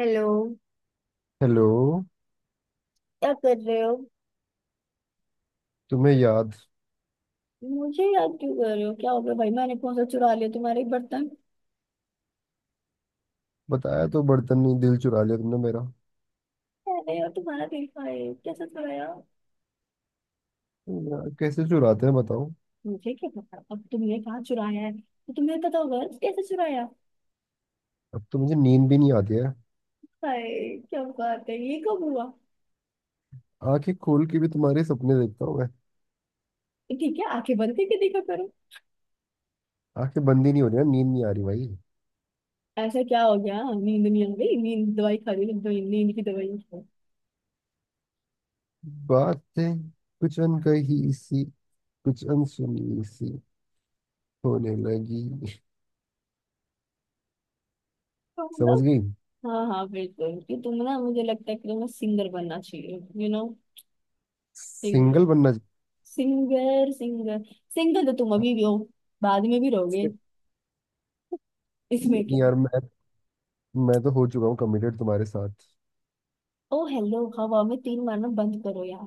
Hello. Hello. क्या कर रहे हो? तुम्हें याद? मुझे याद क्यों कर रहे हो? क्या हो गया भाई? मैंने कौन सा चुरा लिया तुम्हारे बर्तन? बताया तो, बर्तन नहीं दिल चुरा लिया तुमने मेरा। अरे यार, तुम्हारा देखा है? कैसे चुराया? यार कैसे चुराते हैं बताओ। मुझे क्या पता, अब तुमने कहाँ चुराया है तो तुम्हें पता होगा। कैसे चुराया? अब तो मुझे नींद भी नहीं आती है। हाय, क्या बात है, ये कब हुआ? आंखें खोल के भी तुम्हारे सपने देखता हूँ मैं। ठीक है, आंखें बंद करके देखा करो। आंखें बंद ही नहीं हो रही ना, नींद नहीं आ रही भाई। ऐसा क्या हो गया, नींद नहीं आ गई? नींद दवाई खा ली, दवाई नींद की दवाई खाओ। बातें, कुछ अनकही सी, कुछ अनसुनी सी होने लगी। तो समझ मतलब, गई। हाँ हाँ बिल्कुल, कि तुम ना, मुझे लगता है कि तुम्हें सिंगर बनना चाहिए। You know singer. सिंगल बनना चाहिए। सिंगर। सिंगर तो तुम अभी भी हो, बाद में भी रहोगे, इसमें क्या। नहीं यार, मैं तो हो चुका हूँ कमिटेड तुम्हारे साथ। ओ हेलो, हवा में तीन मारना बंद करो यार।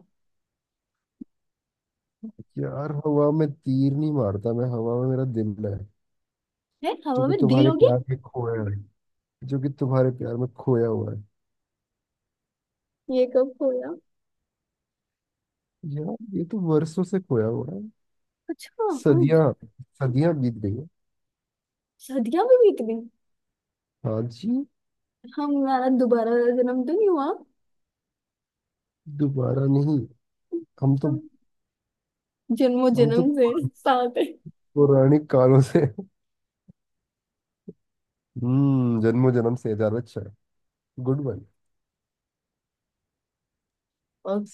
यार हवा में तीर नहीं मारता मैं, हवा में मेरा दिल है। है, जो हवा कि में दिल तुम्हारे हो गया। प्यार में खोया है। जो कि तुम्हारे प्यार में खोया हुआ है। ये कब खोया? यार ये तो वर्षों से खोया हुआ है। अच्छा। हम सदियां। सदियां बीत गई है। सदियां भी बीत गई? हाँ जी। हमारा दोबारा जन्म तो नहीं हुआ। दोबारा नहीं। हम तो। तो जन्मों हम तो जन्म से साथ है। पौराणिक कालों से। हम्म, जन्मों जन्म से ज्यादा अच्छा है। Good one.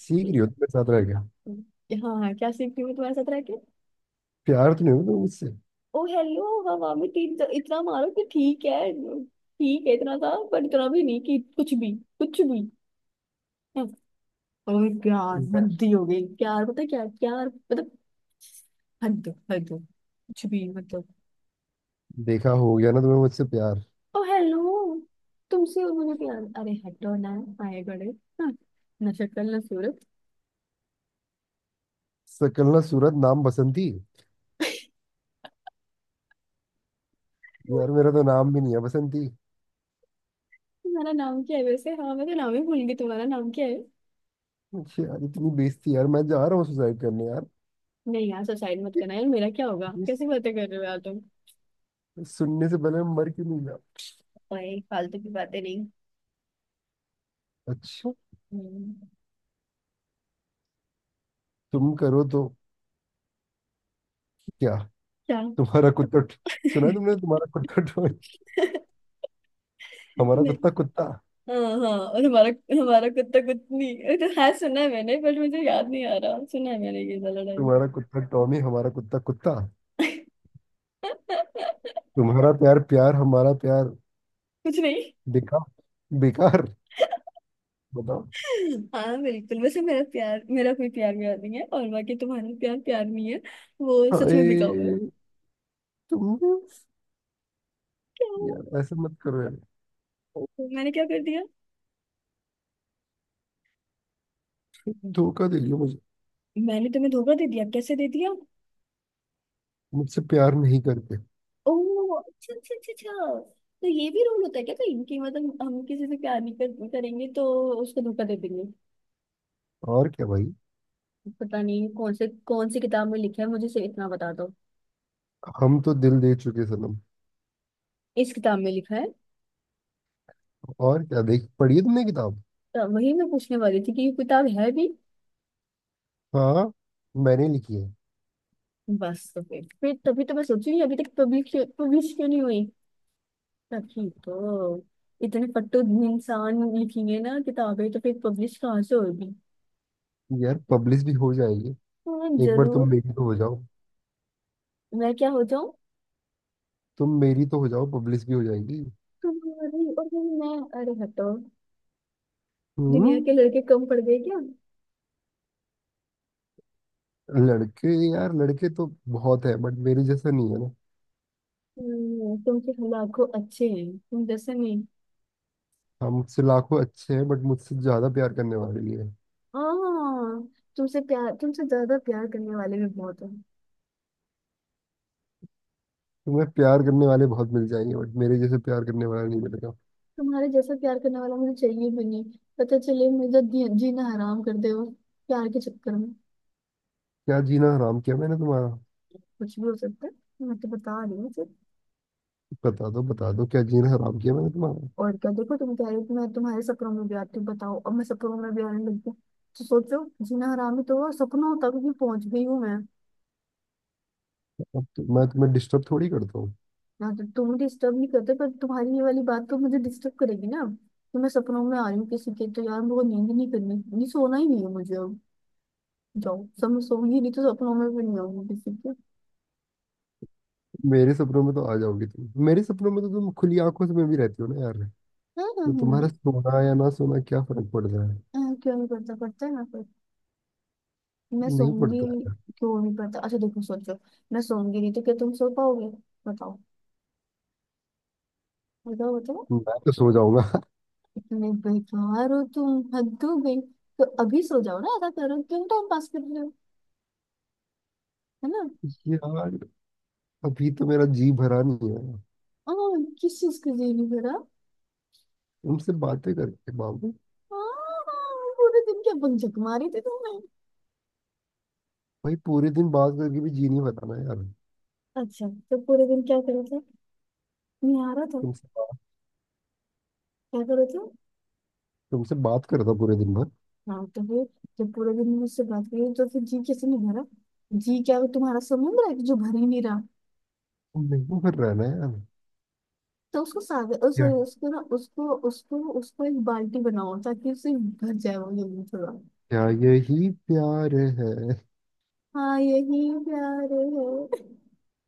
सीख रही हो, तुम्हें साथ रह गया। हाँ हाँ, क्या सीखती हूँ मैं तुम्हारे साथ रह के। प्यार तो नहीं होगा तुम्हें मुझसे? ओ हेलो, हवा में तीन तो इतना मारो कि ठीक है। ठीक है इतना था, पर इतना भी नहीं कि कुछ भी। कुछ भी, और प्यार, देखा! हद ही हो गई। प्यार पता है क्या है? प्यार मतलब हद। हद कुछ भी मतलब। देखा, हो गया ना तुम्हें मुझसे प्यार। ओ हेलो, तुमसे और मुझे प्यार? अरे हटो ना। आए बड़े, हाँ, ना शक्ल ना सूरत। सकल ना सूरत नाम बसंती। यार मेरा तो नाम भी नहीं है बसंती। तुम्हारा नाम क्या है वैसे? हाँ, मैं तो नाम ही भूल गई, तुम्हारा नाम क्या है? यार इतनी बेइज्जती, यार मैं जा रहा हूँ सुसाइड करने। नहीं यार, सुसाइड मत यार करना यार, मेरा क्या होगा? कैसी बातें कर रहे हो यार तुम। सुनने से पहले मैं मर क्यों नहीं गया। भाई फालतू की बातें नहीं। अच्छा हम्म, तुम करो तो? क्या? क्या? तुम्हारा कुत्ता, सुना है तुमने? तुम्हारा कुत्ता टॉमी, हमारा नहीं, कुत्ता कुत्ता। हाँ हाँ, और हमारा, हमारा कुत्ता कुतनी ये तो है, सुना है मैंने, बट मुझे याद नहीं आ रहा, सुना है मैंने ये वाला। तुम्हारा कुत्ता टॉमी, हमारा कुत्ता कुत्ता। तुम्हारा प्यार प्यार, हमारा प्यार कुछ नहीं। बेकार। बेकार। बताओ। हाँ बिल्कुल, वैसे मेरा प्यार, मेरा कोई प्यार व्यार नहीं है, और बाकी तुम्हारा प्यार प्यार नहीं है, वो सच में अरे बिका हुआ है। तुम! क्या? यार ऐसा मत करो यार। ओ, मैंने क्या कर दिया? तुम धोखा दे लियो मुझे। मैंने तुम्हें धोखा दे दिया? कैसे दे दिया? मुझसे प्यार नहीं करते। ओह, अच्छा अच्छा अच्छा अच्छा। तो ये भी रोल होता है क्या कहीं, कि मतलब हम किसी से प्यार नहीं करेंगे तो उसको धोखा दे देंगे? और क्या भाई। पता नहीं कौन से, कौन सी किताब में लिखा है, मुझे सिर्फ इतना बता दो। हम तो दिल दे चुके सनम। इस किताब में लिखा है? और क्या, देख पढ़ी है तुमने किताब? तो वही मैं पूछने वाली थी कि ये किताब है भी। हाँ, मैंने लिखी है। बस तो फिर तभी तो मैं सोच रही हूँ, अभी तक पब्लिश क्यों, पब्लिश क्यों नहीं हुई। तभी तो, इतने फट्टू इंसान लिखेंगे ना किताबें, तो फिर पब्लिश कहाँ से होगी। यार पब्लिश भी हो जाएगी। हाँ, एक बार तुम जरूर। मेरी तो हो जाओ। मैं क्या हो जाऊं? तुम मेरी तो हो जाओ, पब्लिश भी हो जाएगी। तुम्हारी, और फिर मैं? अरे हटो, दुनिया हम्म। के लड़के कम पड़ गए क्या? लड़के, यार लड़के तो बहुत है, बट मेरे जैसा नहीं है ना। तुमसे लाखों अच्छे हैं, तुम जैसे नहीं। हम, मुझसे लाखों अच्छे हैं बट मुझसे ज्यादा प्यार करने वाले भी हैं। हाँ, तुमसे प्यार, तुमसे ज्यादा प्यार करने वाले भी बहुत हैं। तुम्हें प्यार करने वाले बहुत मिल जाएंगे, बट मेरे जैसे प्यार करने वाला नहीं मिलेगा। तुम्हारे जैसा प्यार करने वाला मुझे चाहिए भी नहीं। पता चले मुझे, जीना हराम कर दे वो प्यार के चक्कर में। क्या जीना हराम किया मैंने तुम्हारा? कुछ भी हो सकता है, मैं तो बता रही हूँ। बता दो, बता दो, क्या जीना हराम किया मैंने तुम्हारा। और क्या, देखो तुम कह रहे हो कि मैं तुम्हारे सपनों में भी आती हूँ, बताओ, अब मैं सपनों में भी आने लगी हूँ, तो सोचो, जीना हरामी तो वो, सपनों तक भी पहुंच गई हूँ मैं। अब तो मैं तुम्हें डिस्टर्ब थोड़ी करता हूँ। ना, तो तुम डिस्टर्ब नहीं करते, पर तुम्हारी ये वाली बात तो मुझे डिस्टर्ब करेगी ना। तो मैं सपनों में आ रही हूँ किसी के, तो यार मुझे नींद नहीं करनी, नहीं सोना ही नहीं है मुझे अब। जाओ, सब मैं सोऊंगी नहीं, तो सपनों में भी नहीं आऊंगी किसी के। मेरे सपनों में तो आ जाओगी, तुम मेरे सपनों में तो, तुम खुली आंखों से मैं भी रहती हो ना यार। हाँ, हाँ, तो हाँ, तुम्हारा सोना या ना सोना क्या फर्क पड़ता है। हाँ, क्यों नहीं पड़ता, पड़ता है ना, पर मैं नहीं सोऊंगी। पड़ता। क्यों नहीं पड़ता? अच्छा देखो, सोचो, मैं सोऊंगी नहीं तो क्या तुम सो पाओगे? बताओ। बताओ। मैं तो सो जाऊंगा। इतने बेकार हो तुम, हद हो गई। तो अभी सो जाओ ना, ऐसा करो, क्यों टाइम पास कर रहे हो, है ना? यार अभी तो मेरा जी भरा नहीं है। हाँ, किस चीज की देरी करा? तुमसे बातें करके बाबू। हाँ, पूरे दिन क्या बंजक मारी थी तुमने? भाई पूरे दिन बात करके भी जी नहीं भरा ना यार। अच्छा तो पूरे दिन क्या करो थे, नहीं आ रहा था? तुमसे बात, क्या करो थे? तुमसे बात कर रहा था पूरे दिन भर। हाँ तो फिर, जब पूरे दिन मुझसे बात करी तो फिर जी कैसे नहीं भरा? जी क्या वो तुम्हारा समुद्र है कि जो भर ही नहीं रहा? तुम नहीं कर रहा है ना यार। तो उसको सागर, उस, क्या? उसको ना, उसको उसको उसको एक बाल्टी बनाओ ताकि उसे भर जाए वो जल्दी थोड़ा। क्या यही प्यार है? हाँ यही प्यार है,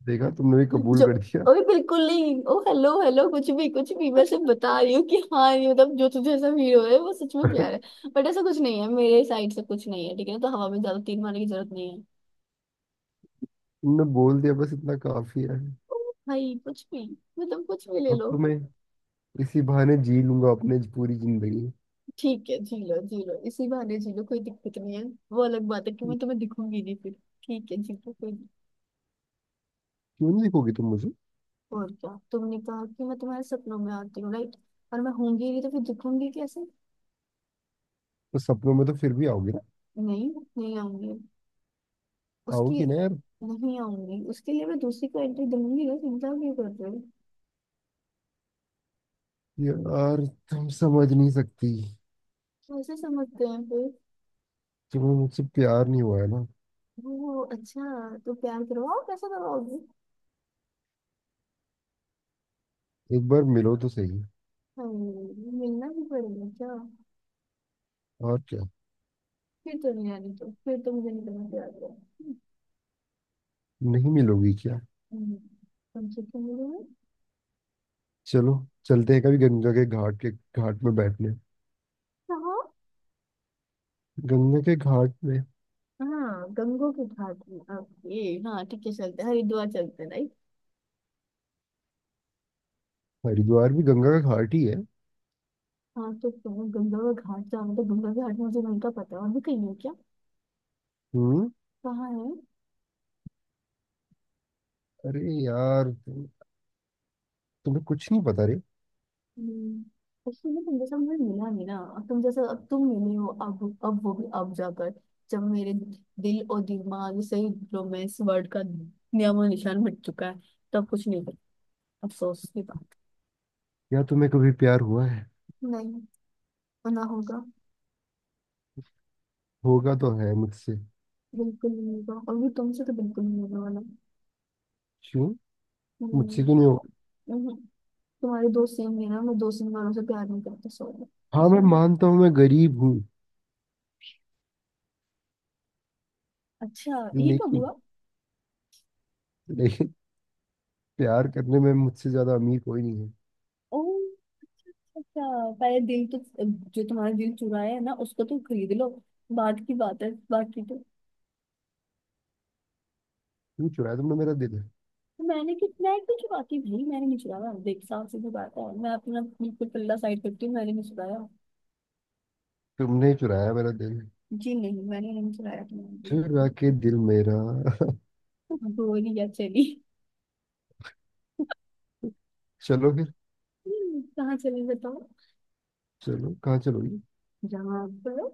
देखा, तुमने भी कबूल जो। कर दिया। ओए बिल्कुल नहीं, ओ हेलो हेलो, कुछ भी, कुछ भी। मैं सिर्फ बता रही हूँ कि हाँ ये मतलब, जो तुझे ऐसा फील हो रहा है वो सच में प्यार है। बट ऐसा कुछ नहीं है, मेरे साइड से कुछ नहीं है, ठीक है ना, तो हवा में ज्यादा तीर मारने की जरूरत नहीं है। तुमने बोल दिया बस इतना काफी है। ओ भाई, कुछ भी मतलब, कुछ भी ले अब लो। तो मैं इसी बहाने जी लूंगा अपने पूरी जिंदगी। ठीक है, जी लो, जी लो, इसी बहाने जी लो, कोई दिक्कत नहीं है। वो अलग बात है कि मैं तुम्हें दिखूंगी नहीं फिर। ठीक है, जी लो, कोई नहीं। क्यों नहीं देखोगी तुम मुझे? और क्या, तुमने कहा कि मैं तुम्हारे सपनों में आती हूँ, राइट? और मैं होंगी नहीं तो फिर दिखूंगी कैसे? तो सपनों में तो फिर भी आओगी ना? नहीं, नहीं आऊंगी उसकी। आओगी ना यार। नहीं आऊंगी, उसके लिए मैं दूसरी को एंट्री दूंगी ना, चिंता क्यों कर रहे हो? यार तुम समझ नहीं सकती। कैसे समझते हैं फिर? तुम्हें मुझसे प्यार नहीं हुआ है ना। वो अच्छा, तो प्यार करवाओ, कैसे करवाओगे? एक बार मिलो तो सही। हाँ, मिलना भी पड़ेगा क्या? और क्या। फिर तो नहीं आनी, तो फिर तो मुझे नहीं करना प्यार, करो। नहीं मिलोगी क्या? हम्म, कम से कम मिलोगे। चलो, चलते हैं कभी गंगा के घाट, के घाट में बैठने। कहाँ? गंगा के घाट में। हाँ, गंगो के घाट में, ओके। हाँ ठीक है, चलते हैं, हरिद्वार चलते हैं, राइट? हरिद्वार भी गंगा का घाट ही है। हाँ तो तुम गंगा का घाट जाना, तो गंगा के घाट मुझे नहीं का पता है, और भी कहीं है क्या? हम्म। कहाँ है? अरे यार तुम, तुम्हें कुछ नहीं पता रे। हम्म, उसके लिए तुम जैसा मुझे मिला नहीं ना, अब तुम जैसा, अब तुम मिली हो, अब वो भी अब जाकर, जब मेरे दिल और दिमाग से रोमांस वर्ड का नियम और निशान मिट चुका है, तब कुछ नहीं कर। अफसोस की बात। यार तुम्हें कभी प्यार हुआ है? नहीं, वो ना होगा। होगा तो है मुझसे। बिल्कुल नहीं होगा, और भी तुमसे तो बिल्कुल नहीं होने वाला। क्यों? नहीं। मुझसे क्यों नहीं होगा? नहीं, तुम्हारे दोस्त सेम है ना, मैं दोस्त इन वालों से प्यार नहीं करता, सॉरी। हाँ मैं मानता हूँ मैं गरीब हूँ, अच्छा, ये कब लेकिन, हुआ? लेकिन प्यार करने में मुझसे ज्यादा अमीर कोई नहीं है। ओ, अच्छा। पहले दिल तो, जो तुम्हारा दिल चुराया है ना, उसको तुम खरीद लो, बाद की बात है बाकी तो। क्यों चुराया तुमने मेरा दिल? तो मैंने कितना है कुछ बाकी भाई, मैंने नहीं चुराया, देख साफ सीधी बात है, मैं अपना बिल्कुल पल्ला साइड करती हूँ, मैंने नहीं चुराया। तुमने ही चुराया मेरा दिल। जी नहीं, मैंने नहीं चुराया तुम्हारा दिल। फिर आके दिल मेरा। गोरी या चली। चलो फिर। कहाँ चली बताओ? चलो कहाँ चलोगी? जहाँ पर।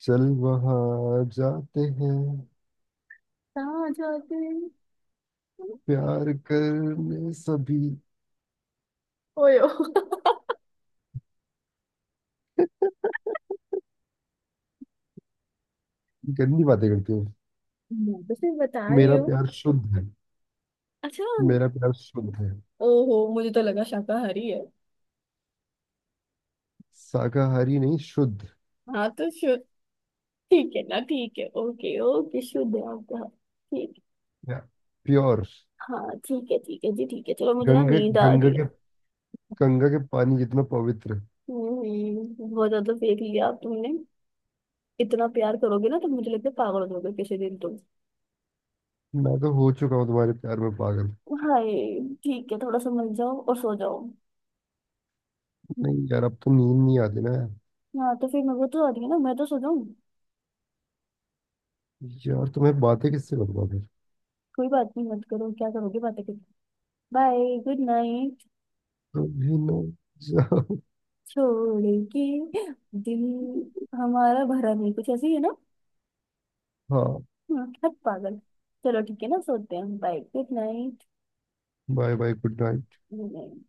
चल वहां जाते हैं, कहाँ जाते हैं? प्यार करने। सभी ओयो। गंदी बातें करती हूँ, मैं तो सिर्फ बता रही मेरा हूँ। प्यार शुद्ध है। अच्छा। मेरा प्यार शुद्ध है। ओहो, मुझे तो लगा शाकाहारी है। शाकाहारी नहीं, शुद्ध। हाँ तो, ठीक है ना, ठीक है, ओके ओके, शुद्ध है आपका, ठीक। प्योर। हाँ ठीक है, ठीक है जी, ठीक है, चलो मुझे ना गंगे, नींद आ गंगा रही है। के, गंगा के पानी जितना पवित्र। हम्म, बहुत ज्यादा फेंक लिया आप, तुमने इतना प्यार करोगे ना तो मुझे लगता है पागल हो जाओगे किसी दिन तुम। मैं तो हो चुका हूँ तुम्हारे प्यार में पागल। हाय, ठीक है, थोड़ा समझ जाओ और सो जाओ। नहीं यार, अब तो नींद नहीं आती ना यार। हाँ तो फिर मैं, वो तो आ रही है ना, मैं तो सो जाऊँ। यार तुम्हें बातें किससे करूंगा फिर? कोई बात नहीं, मत करो, क्या करोगे बातें करके। Bye, good night. कभी ना जाओ। छोड़ के दिल हमारा भरा नहीं, कुछ ऐसी है ना। हाँ। हाँ, हट पागल। चलो ठीक है ना, सोते हैं, bye, good night. Bye bye, good night. कर दो, कर दो।